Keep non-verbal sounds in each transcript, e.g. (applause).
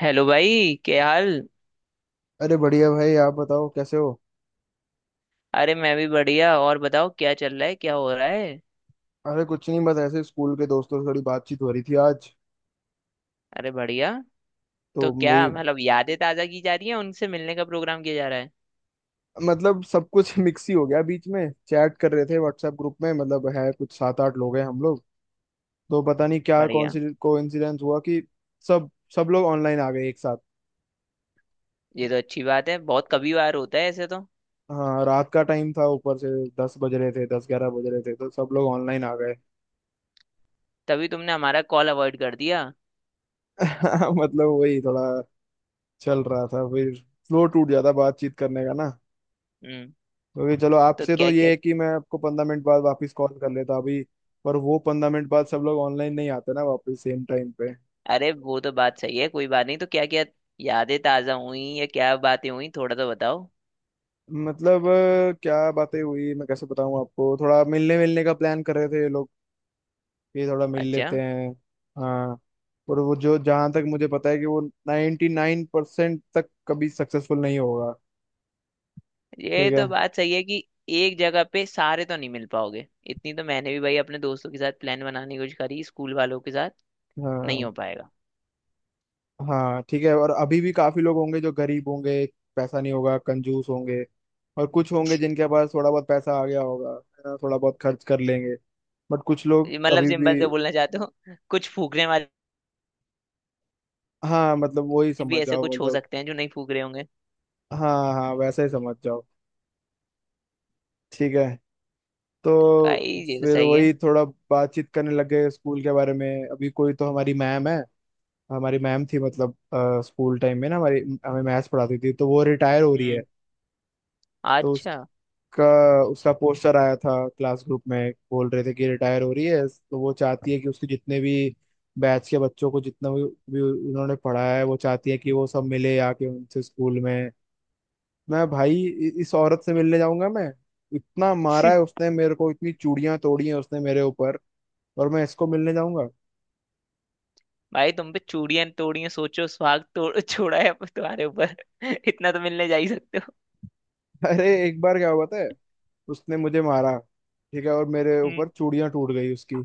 Hello भाई, क्या हाल। अरे बढ़िया भाई, आप बताओ कैसे हो। अरे मैं भी बढ़िया। और बताओ क्या चल रहा है, क्या हो रहा है। अरे कुछ नहीं, बस ऐसे स्कूल के दोस्तों से थोड़ी बातचीत हो रही थी आज। अरे बढ़िया। तो तो क्या वही, मतलब यादें ताज़ा की जा रही है, उनसे मिलने का प्रोग्राम किया जा रहा है। मतलब सब कुछ (laughs) मिक्स ही हो गया। बीच में चैट कर रहे थे व्हाट्सएप ग्रुप में, मतलब है कुछ 7-8 लोग हैं हम लोग। तो पता नहीं क्या कौन बढ़िया। सी कोइंसिडेंस हुआ कि सब सब लोग ऑनलाइन आ गए एक साथ। ये तो अच्छी बात है, बहुत कभी बार होता है ऐसे तो। हाँ, रात का टाइम था ऊपर से, 10 बज रहे थे, 10-11 बज रहे थे, तो सब लोग ऑनलाइन आ गए। तभी तुमने हमारा कॉल अवॉइड कर दिया। (laughs) मतलब वही थोड़ा चल रहा था, फिर फ्लो टूट जाता बातचीत करने का ना। हम्म। क्योंकि चलो तो आपसे तो क्या ये क्या। है कि मैं आपको 15 मिनट बाद वापस कॉल कर लेता अभी, पर वो 15 मिनट बाद सब लोग ऑनलाइन नहीं आते ना वापस सेम टाइम पे। अरे वो तो बात सही है, कोई बात नहीं। तो क्या क्या यादें ताज़ा हुई या क्या बातें हुई, थोड़ा तो बताओ। मतलब क्या बातें हुई मैं कैसे बताऊं आपको। थोड़ा मिलने मिलने का प्लान कर रहे थे ये लोग कि थोड़ा मिल अच्छा। लेते हैं। हाँ। और वो जो, जहाँ तक मुझे पता है कि वो 99% तक कभी सक्सेसफुल नहीं होगा। ये ठीक है। तो बात सही है कि एक जगह पे सारे तो नहीं मिल पाओगे। इतनी तो मैंने भी भाई अपने दोस्तों के साथ प्लान बनाने की कोशिश करी, स्कूल वालों के साथ। नहीं हाँ। हो पाएगा। हाँ, ठीक है। और अभी भी काफी लोग होंगे जो गरीब होंगे, पैसा नहीं होगा, कंजूस होंगे। और कुछ होंगे जिनके पास थोड़ा बहुत पैसा आ गया होगा, है ना, थोड़ा बहुत खर्च कर लेंगे। बट कुछ लोग ये मतलब अभी भी। सिंपल से बोलना चाहते हो, कुछ फूकने वाले हाँ, मतलब वही भी समझ ऐसे जाओ, कुछ हो मतलब। सकते हैं जो नहीं फूक रहे होंगे। हाँ हाँ, वैसा ही समझ जाओ। ठीक है। तो भाई ये तो फिर सही है। वही थोड़ा बातचीत करने लग गए स्कूल के बारे में। अभी कोई तो हमारी मैम है, हमारी मैम थी। मतलब स्कूल टाइम में ना हमारी, हमें मैथ्स पढ़ाती थी, तो वो रिटायर हो रही है। हम्म। तो अच्छा। का उसका पोस्टर आया था क्लास ग्रुप में, बोल रहे थे कि रिटायर हो रही है। तो वो चाहती है कि उसके जितने भी बैच के बच्चों को जितना भी उन्होंने पढ़ाया है, वो चाहती है कि वो सब मिले आके उनसे स्कूल में। मैं भाई इस औरत से मिलने जाऊंगा मैं? इतना मारा है (laughs) उसने मेरे को, इतनी चूड़ियां तोड़ी हैं उसने मेरे ऊपर, और मैं इसको मिलने जाऊंगा? भाई तुम पे चूड़ियां तोड़ियां, सोचो सुहाग तोड़ छोड़ा है अब तुम्हारे ऊपर। (laughs) इतना तो मिलने जा ही सकते हो। (laughs) अरे एक बार क्या हुआ पता है, उसने मुझे मारा, ठीक है, और मेरे ऊपर हम्म। चूड़ियां टूट गई उसकी।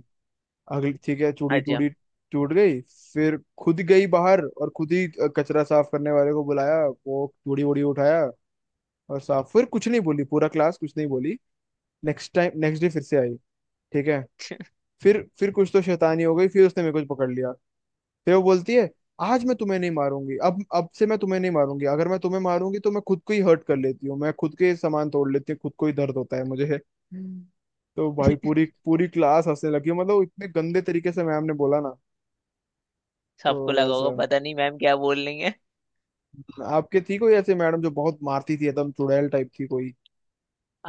अगली, ठीक है, चूड़ी अच्छा। टूटी, टूट गई। फिर खुद गई बाहर और खुद ही कचरा साफ करने वाले को बुलाया, वो चूड़ी वूड़ी उठाया और साफ। फिर कुछ नहीं बोली, पूरा क्लास कुछ नहीं बोली। नेक्स्ट टाइम, नेक्स्ट डे फिर से आई, ठीक है। (laughs) फिर कुछ तो शैतानी हो गई, फिर उसने मेरे को पकड़ लिया। फिर वो बोलती है, आज मैं तुम्हें नहीं मारूंगी, अब से मैं तुम्हें नहीं मारूंगी। अगर मैं तुम्हें मारूंगी तो मैं खुद को ही हर्ट कर लेती हूँ, मैं खुद के सामान तोड़ लेती हूँ, खुद को ही दर्द होता है मुझे। तो भाई पूरी पूरी क्लास हंसने लगी। मतलब इतने गंदे तरीके से मैम ने बोला ना। तो सबको लगा होगा वैसा, पता नहीं मैम क्या बोल रही है। आपके थी कोई ऐसे मैडम जो बहुत मारती थी, एकदम चुड़ैल टाइप थी कोई?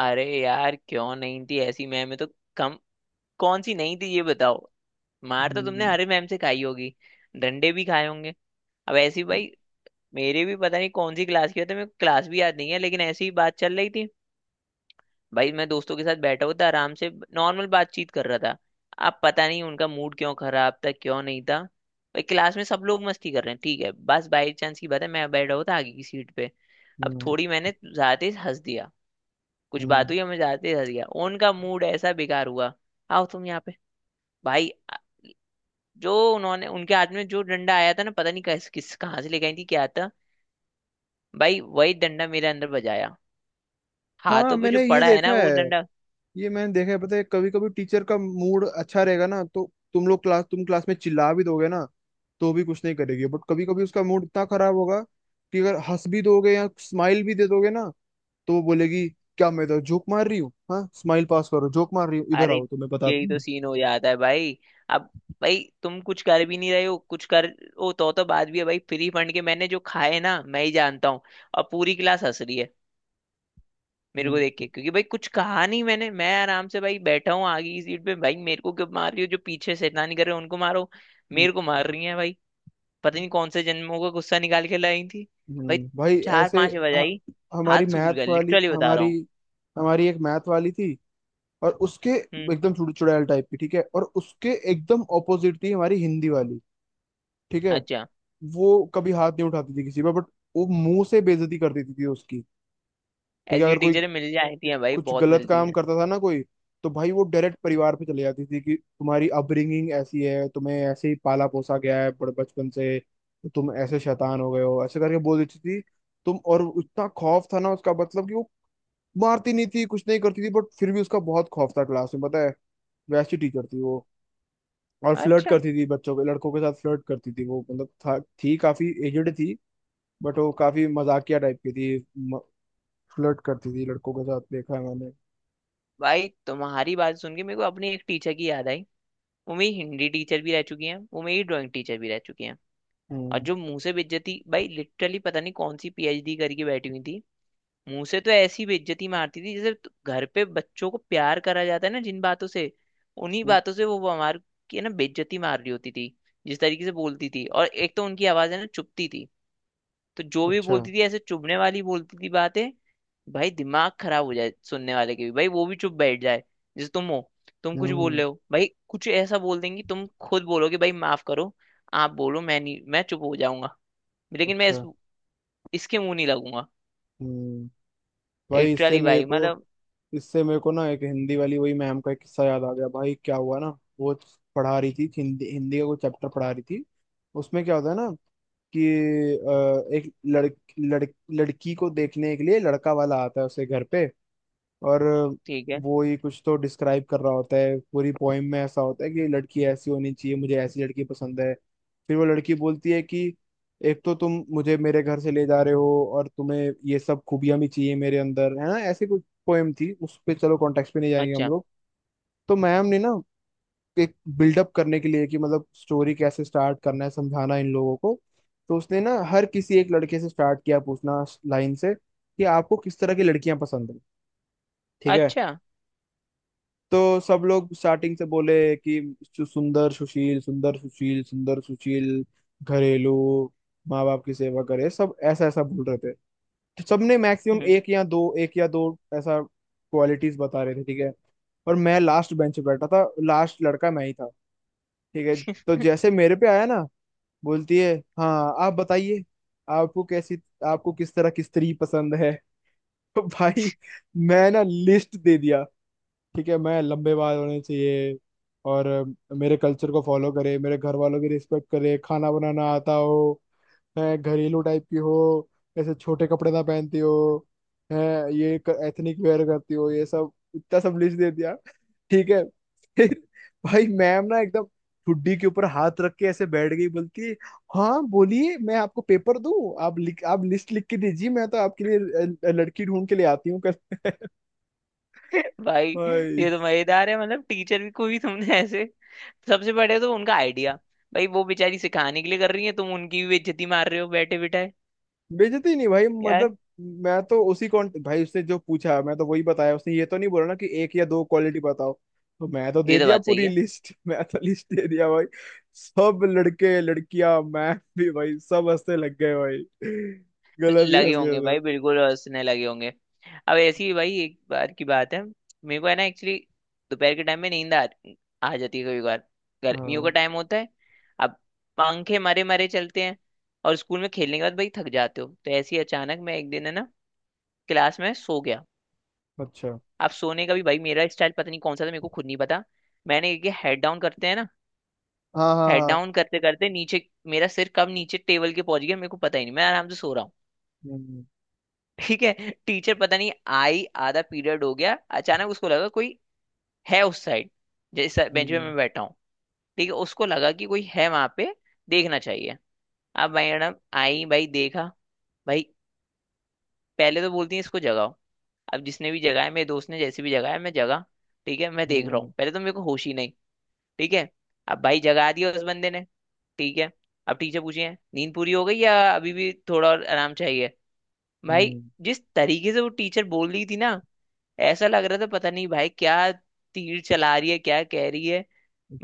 अरे यार क्यों नहीं थी ऐसी मैम, है तो कम। कौन सी नहीं थी ये बताओ। मार तो तुमने हम्म। हरे मैम से खाई होगी, डंडे भी खाए होंगे। अब ऐसी भाई, मेरे भी पता नहीं कौन सी क्लास की होती है, मेरे को क्लास भी याद नहीं है, लेकिन ऐसी ही बात चल रही थी। भाई मैं दोस्तों के साथ बैठा हुआ था आराम से, नॉर्मल बातचीत कर रहा था। अब पता नहीं उनका मूड क्यों खराब था, क्यों नहीं था। भाई क्लास में सब लोग मस्ती कर रहे हैं, ठीक है, बस बाई चांस की बात है, मैं बैठा हुआ था आगे की सीट पे। अब हम्म। थोड़ी मैंने ज्यादा तेज हंस दिया, कुछ बात हम्म। हुई, मैं ज्यादा तेज हंस गया, उनका मूड ऐसा बेकार हुआ। आओ तुम यहाँ पे। भाई जो उन्होंने उनके हाथ में जो डंडा आया था ना, पता नहीं किस किस कहाँ से ले गई थी क्या था, भाई वही डंडा मेरे अंदर बजाया। हाँ, हाथों पे जो मैंने ये पड़ा है देखा ना वो है, डंडा। ये मैंने देखा है, पता है। कभी कभी टीचर का मूड अच्छा रहेगा ना, तो तुम लोग क्लास, तुम क्लास में चिल्ला भी दोगे ना तो भी कुछ नहीं करेगी। बट कभी कभी उसका मूड इतना खराब होगा कि अगर हंस भी दोगे या स्माइल भी दे दोगे ना, तो वो बोलेगी, क्या मैं इधर जोक मार रही हूँ? हाँ, स्माइल पास करो, जोक मार रही हूँ इधर, अरे आओ तुम्हें यही बताती तो हूँ। सीन हो जाता है भाई। अब भाई तुम कुछ कर भी नहीं रहे हो, कुछ कर। ओ तो बात भी है भाई, फ्री फंड के मैंने जो खाए ना मैं ही जानता हूँ। और पूरी क्लास हंस रही है मेरे को हम्म। देख के, क्योंकि भाई कुछ कहा नहीं मैंने, मैं आराम से भाई बैठा हूँ आगे की सीट पे। भाई मेरे को क्यों मार रही हो, जो पीछे शैतानी कर रहे हो उनको मारो। हम्म। मेरे को मार रही है भाई, पता नहीं कौन से जन्मों का गुस्सा निकाल के लाई थी। भाई भाई, चार ऐसे। पांच ह- बजाई, हाथ हमारी सूज मैथ गए, वाली, लिटरली बता रहा हमारी, हूँ। हमारी एक मैथ वाली थी, और उसके हम्म। एकदम चुड़ैल टाइप की, ठीक है। और उसके एकदम ऑपोजिट थी हमारी हिंदी वाली, ठीक है। अच्छा। वो कभी हाथ नहीं उठाती थी किसी पर, बट वो मुंह से बेइज्जती कर देती थी उसकी, ठीक है। ऐसी अगर कोई टीचरें मिल जाती हैं भाई, कुछ बहुत गलत मिलती काम हैं। करता था ना कोई, तो भाई वो डायरेक्ट परिवार पे चले जाती थी कि तुम्हारी अपब्रिंगिंग ऐसी है, तुम्हें ऐसे ही पाला पोसा गया है बड़े बचपन से, तो तुम ऐसे शैतान हो गए हो, ऐसे करके बोल देती थी तुम। और इतना खौफ था ना उसका, मतलब कि वो मारती नहीं थी, कुछ नहीं करती थी, बट फिर भी उसका बहुत खौफ था क्लास में, पता है। वैसी टीचर थी वो। और फ्लर्ट अच्छा करती थी बच्चों के, लड़कों के साथ फ्लर्ट करती थी वो। मतलब था, थी काफी एजड थी, बट वो काफी मजाकिया टाइप की थी। फ्लर्ट करती थी लड़कों के साथ, देखा है मैंने। भाई, तुम्हारी बात सुन के मेरे को अपनी एक टीचर की याद आई। वो मेरी हिंदी टीचर भी रह चुकी हैं, वो मेरी ड्राइंग टीचर भी रह चुकी हैं। और हम्म। जो मुंह से बेइज्जती, भाई लिटरली पता नहीं कौन सी पीएचडी करके बैठी हुई थी। मुंह से तो ऐसी बेइज्जती मारती थी जैसे तु- घर पे बच्चों को प्यार करा जाता है ना जिन बातों से, उन्हीं हम्म। बातों से वो हमारे की ना बेइज्जती मार रही होती थी। जिस तरीके से बोलती थी, और एक तो उनकी आवाज है ना, चुभती थी, तो जो भी अच्छा। बोलती थी ऐसे चुभने वाली बोलती थी बातें। भाई दिमाग खराब हो जाए सुनने वाले के भी, भाई वो भी चुप बैठ जाए। जैसे तुम हो, तुम कुछ बोल हम्म। रहे हो, भाई कुछ ऐसा बोल देंगी तुम खुद बोलोगे भाई माफ करो, आप बोलो, मैं नहीं, मैं चुप हो जाऊंगा, लेकिन मैं अच्छा। इसके मुंह नहीं लगूंगा। हम्म भाई, लिटरली भाई मतलब। इससे मेरे को ना एक हिंदी वाली वही मैम का एक किस्सा याद आ गया। भाई क्या हुआ ना, वो पढ़ा रही थी हिंदी, हिंदी का कोई चैप्टर पढ़ा रही थी। उसमें क्या होता है ना कि एक लड़, लड़ लड़की को देखने के लिए लड़का वाला आता है उसके घर पे। और ठीक है। वो ही कुछ तो डिस्क्राइब कर रहा होता है, पूरी पोइम में ऐसा होता है कि लड़की ऐसी होनी चाहिए, मुझे ऐसी लड़की पसंद है। फिर वो लड़की बोलती है कि एक तो तुम मुझे मेरे घर से ले जा रहे हो और तुम्हें ये सब खूबियां भी चाहिए मेरे अंदर, है ना। ऐसी कुछ पोएम थी, उस पे चलो कॉन्टेक्स्ट पे नहीं जाएंगे हम अच्छा। लोग। तो मैम ने ना एक बिल्डअप करने के लिए, कि मतलब स्टोरी कैसे स्टार्ट करना है, समझाना इन लोगों को, तो उसने ना हर किसी, एक लड़के से स्टार्ट किया पूछना लाइन से कि आपको किस तरह की लड़कियां पसंद है, ठीक है। अच्छा। तो सब लोग स्टार्टिंग से बोले कि सुंदर सुशील, सुंदर सुशील, सुंदर सुशील, घरेलू, माँ बाप की सेवा करे, सब ऐसा ऐसा बोल रहे थे। तो सबने मैक्सिमम हम्म। एक या दो, एक या दो ऐसा क्वालिटीज बता रहे थे, ठीक है। और मैं लास्ट बेंच पे बैठा था, लास्ट लड़का मैं ही था, ठीक है। तो जैसे मेरे पे आया ना, बोलती है, हाँ आप बताइए, आपको कैसी, आपको किस तरह की स्त्री पसंद है। (laughs) तो भाई मैं ना लिस्ट दे दिया, ठीक है। मैं, लंबे बाल होने चाहिए, और मेरे कल्चर को फॉलो करे, मेरे घर वालों की रिस्पेक्ट करे, खाना बनाना आता हो, है, घरेलू टाइप की हो, ऐसे छोटे कपड़े ना पहनती हो, है, ये, एथनिक वेयर करती हो, ये सब इतना सब लिस्ट दे दिया, ठीक है। फिर भाई मैम ना एकदम ठुड्डी के ऊपर हाथ रख के ऐसे बैठ गई, बोलती है, हाँ बोलिए, मैं आपको पेपर दूं, आप लिख, आप लिस्ट लिख के दीजिए, मैं तो आपके लिए लड़की ढूंढ के ले आती हूँ कल। (laughs) (laughs) भाई भाई, ये तो मजेदार है, मतलब टीचर भी को भी तुमने ऐसे, सबसे बड़े तो उनका आइडिया। भाई वो बेचारी सिखाने के लिए कर रही है, तुम उनकी भी बेइज्जती मार रहे हो बैठे बिठाए बेइज्जती नहीं भाई, यार। मतलब मैं तो उसी कॉन्ट, भाई उसने जो पूछा मैं तो वही बताया। उसने ये तो नहीं बोला ना कि एक या दो क्वालिटी बताओ, तो मैं तो दे ये तो दिया बात सही पूरी है। लिस्ट। (laughs) मैं तो लिस्ट दे दिया भाई, सब लड़के लड़कियां, मैं भी, भाई सब हंसने लग गए भाई। (laughs) गलत ही लगे हंस गए होंगे थे। भाई, बिल्कुल हंसने लगे होंगे। अब ऐसी ही भाई एक बार की बात है, मेरे को है ना, एक्चुअली दोपहर के टाइम में आ जाती है कभी कभार, गर्मियों का हाँ। टाइम होता है। अब पंखे मरे मरे चलते हैं, और स्कूल में खेलने के बाद भाई थक जाते हो, तो ऐसे ही अचानक मैं एक दिन है ना, क्लास में सो गया। अच्छा। अब सोने का भी भाई मेरा स्टाइल पता नहीं कौन सा था, मेरे को खुद नहीं पता। मैंने ये हेड डाउन करते हैं ना, हाँ हाँ हेड हाँ। डाउन करते करते नीचे, मेरा सिर कब नीचे टेबल के पहुंच गया मेरे को पता ही नहीं, मैं आराम से सो रहा हूँ। हम्म। ठीक है। टीचर पता नहीं आई, आधा पीरियड हो गया। अचानक उसको लगा कोई है उस साइड, जिस बेंच पे हम्म। मैं बैठा हूँ। ठीक है, उसको लगा कि कोई है वहां पे, देखना चाहिए। अब भाई मैडम आई, भाई देखा। भाई पहले तो बोलती है इसको जगाओ। अब जिसने भी जगाया, मेरे दोस्त ने जैसे भी जगाया, मैं जगा। ठीक है, मैं देख रहा हूँ, हम्म। पहले तो मेरे को होश ही नहीं। ठीक है। अब भाई जगा दिया उस बंदे ने। ठीक है, अब टीचर पूछे, नींद पूरी हो गई या अभी भी थोड़ा और आराम चाहिए। भाई हम्म। जिस तरीके से वो टीचर बोल रही थी ना, ऐसा लग रहा था पता नहीं भाई क्या तीर चला रही है, क्या कह रही है।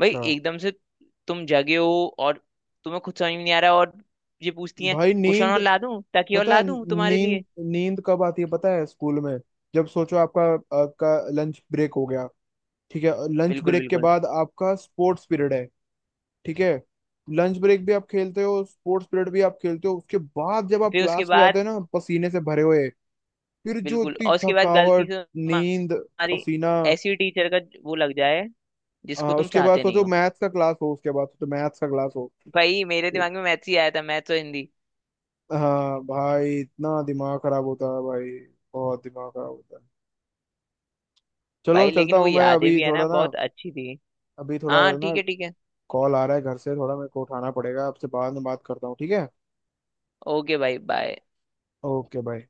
भाई एकदम से तुम जगे हो, और तुम्हें खुद समझ में नहीं आ रहा, और ये पूछती हैं भाई कुशन और नींद, ला दूं, तकिया और पता ला है दूं तुम्हारे नींद लिए। नींद कब आती है पता है स्कूल में? जब सोचो आपका, आपका लंच ब्रेक हो गया, ठीक है, लंच बिल्कुल ब्रेक के बिल्कुल। बाद आपका स्पोर्ट्स पीरियड है, ठीक है। लंच ब्रेक भी आप खेलते हो, स्पोर्ट्स पीरियड भी आप खेलते हो, उसके बाद जब आप फिर उसके क्लास में जाते बाद, हो ना पसीने से भरे हुए, फिर जो बिल्कुल, इतनी और उसके बाद गलती थकावट, से तुम्हारी नींद, पसीना, ऐसी टीचर का वो लग जाए जिसको तुम उसके बाद चाहते नहीं सोचो हो। मैथ्स का क्लास हो, उसके बाद सोचो मैथ्स का क्लास हो। भाई मेरे तो, दिमाग में मैथ्स ही आया था, मैथ्स और हिंदी। हाँ भाई, इतना दिमाग खराब होता है भाई, बहुत दिमाग खराब होता है। चलो भाई चलता लेकिन वो हूँ मैं, यादें अभी भी है ना, थोड़ा ना, बहुत अच्छी थी। अभी थोड़ा हाँ ना ठीक है, ठीक है। कॉल आ रहा है घर से, थोड़ा मेरे को उठाना पड़ेगा। आपसे बाद में बात करता हूँ, ठीक है। ओके भाई, बाय। ओके भाई।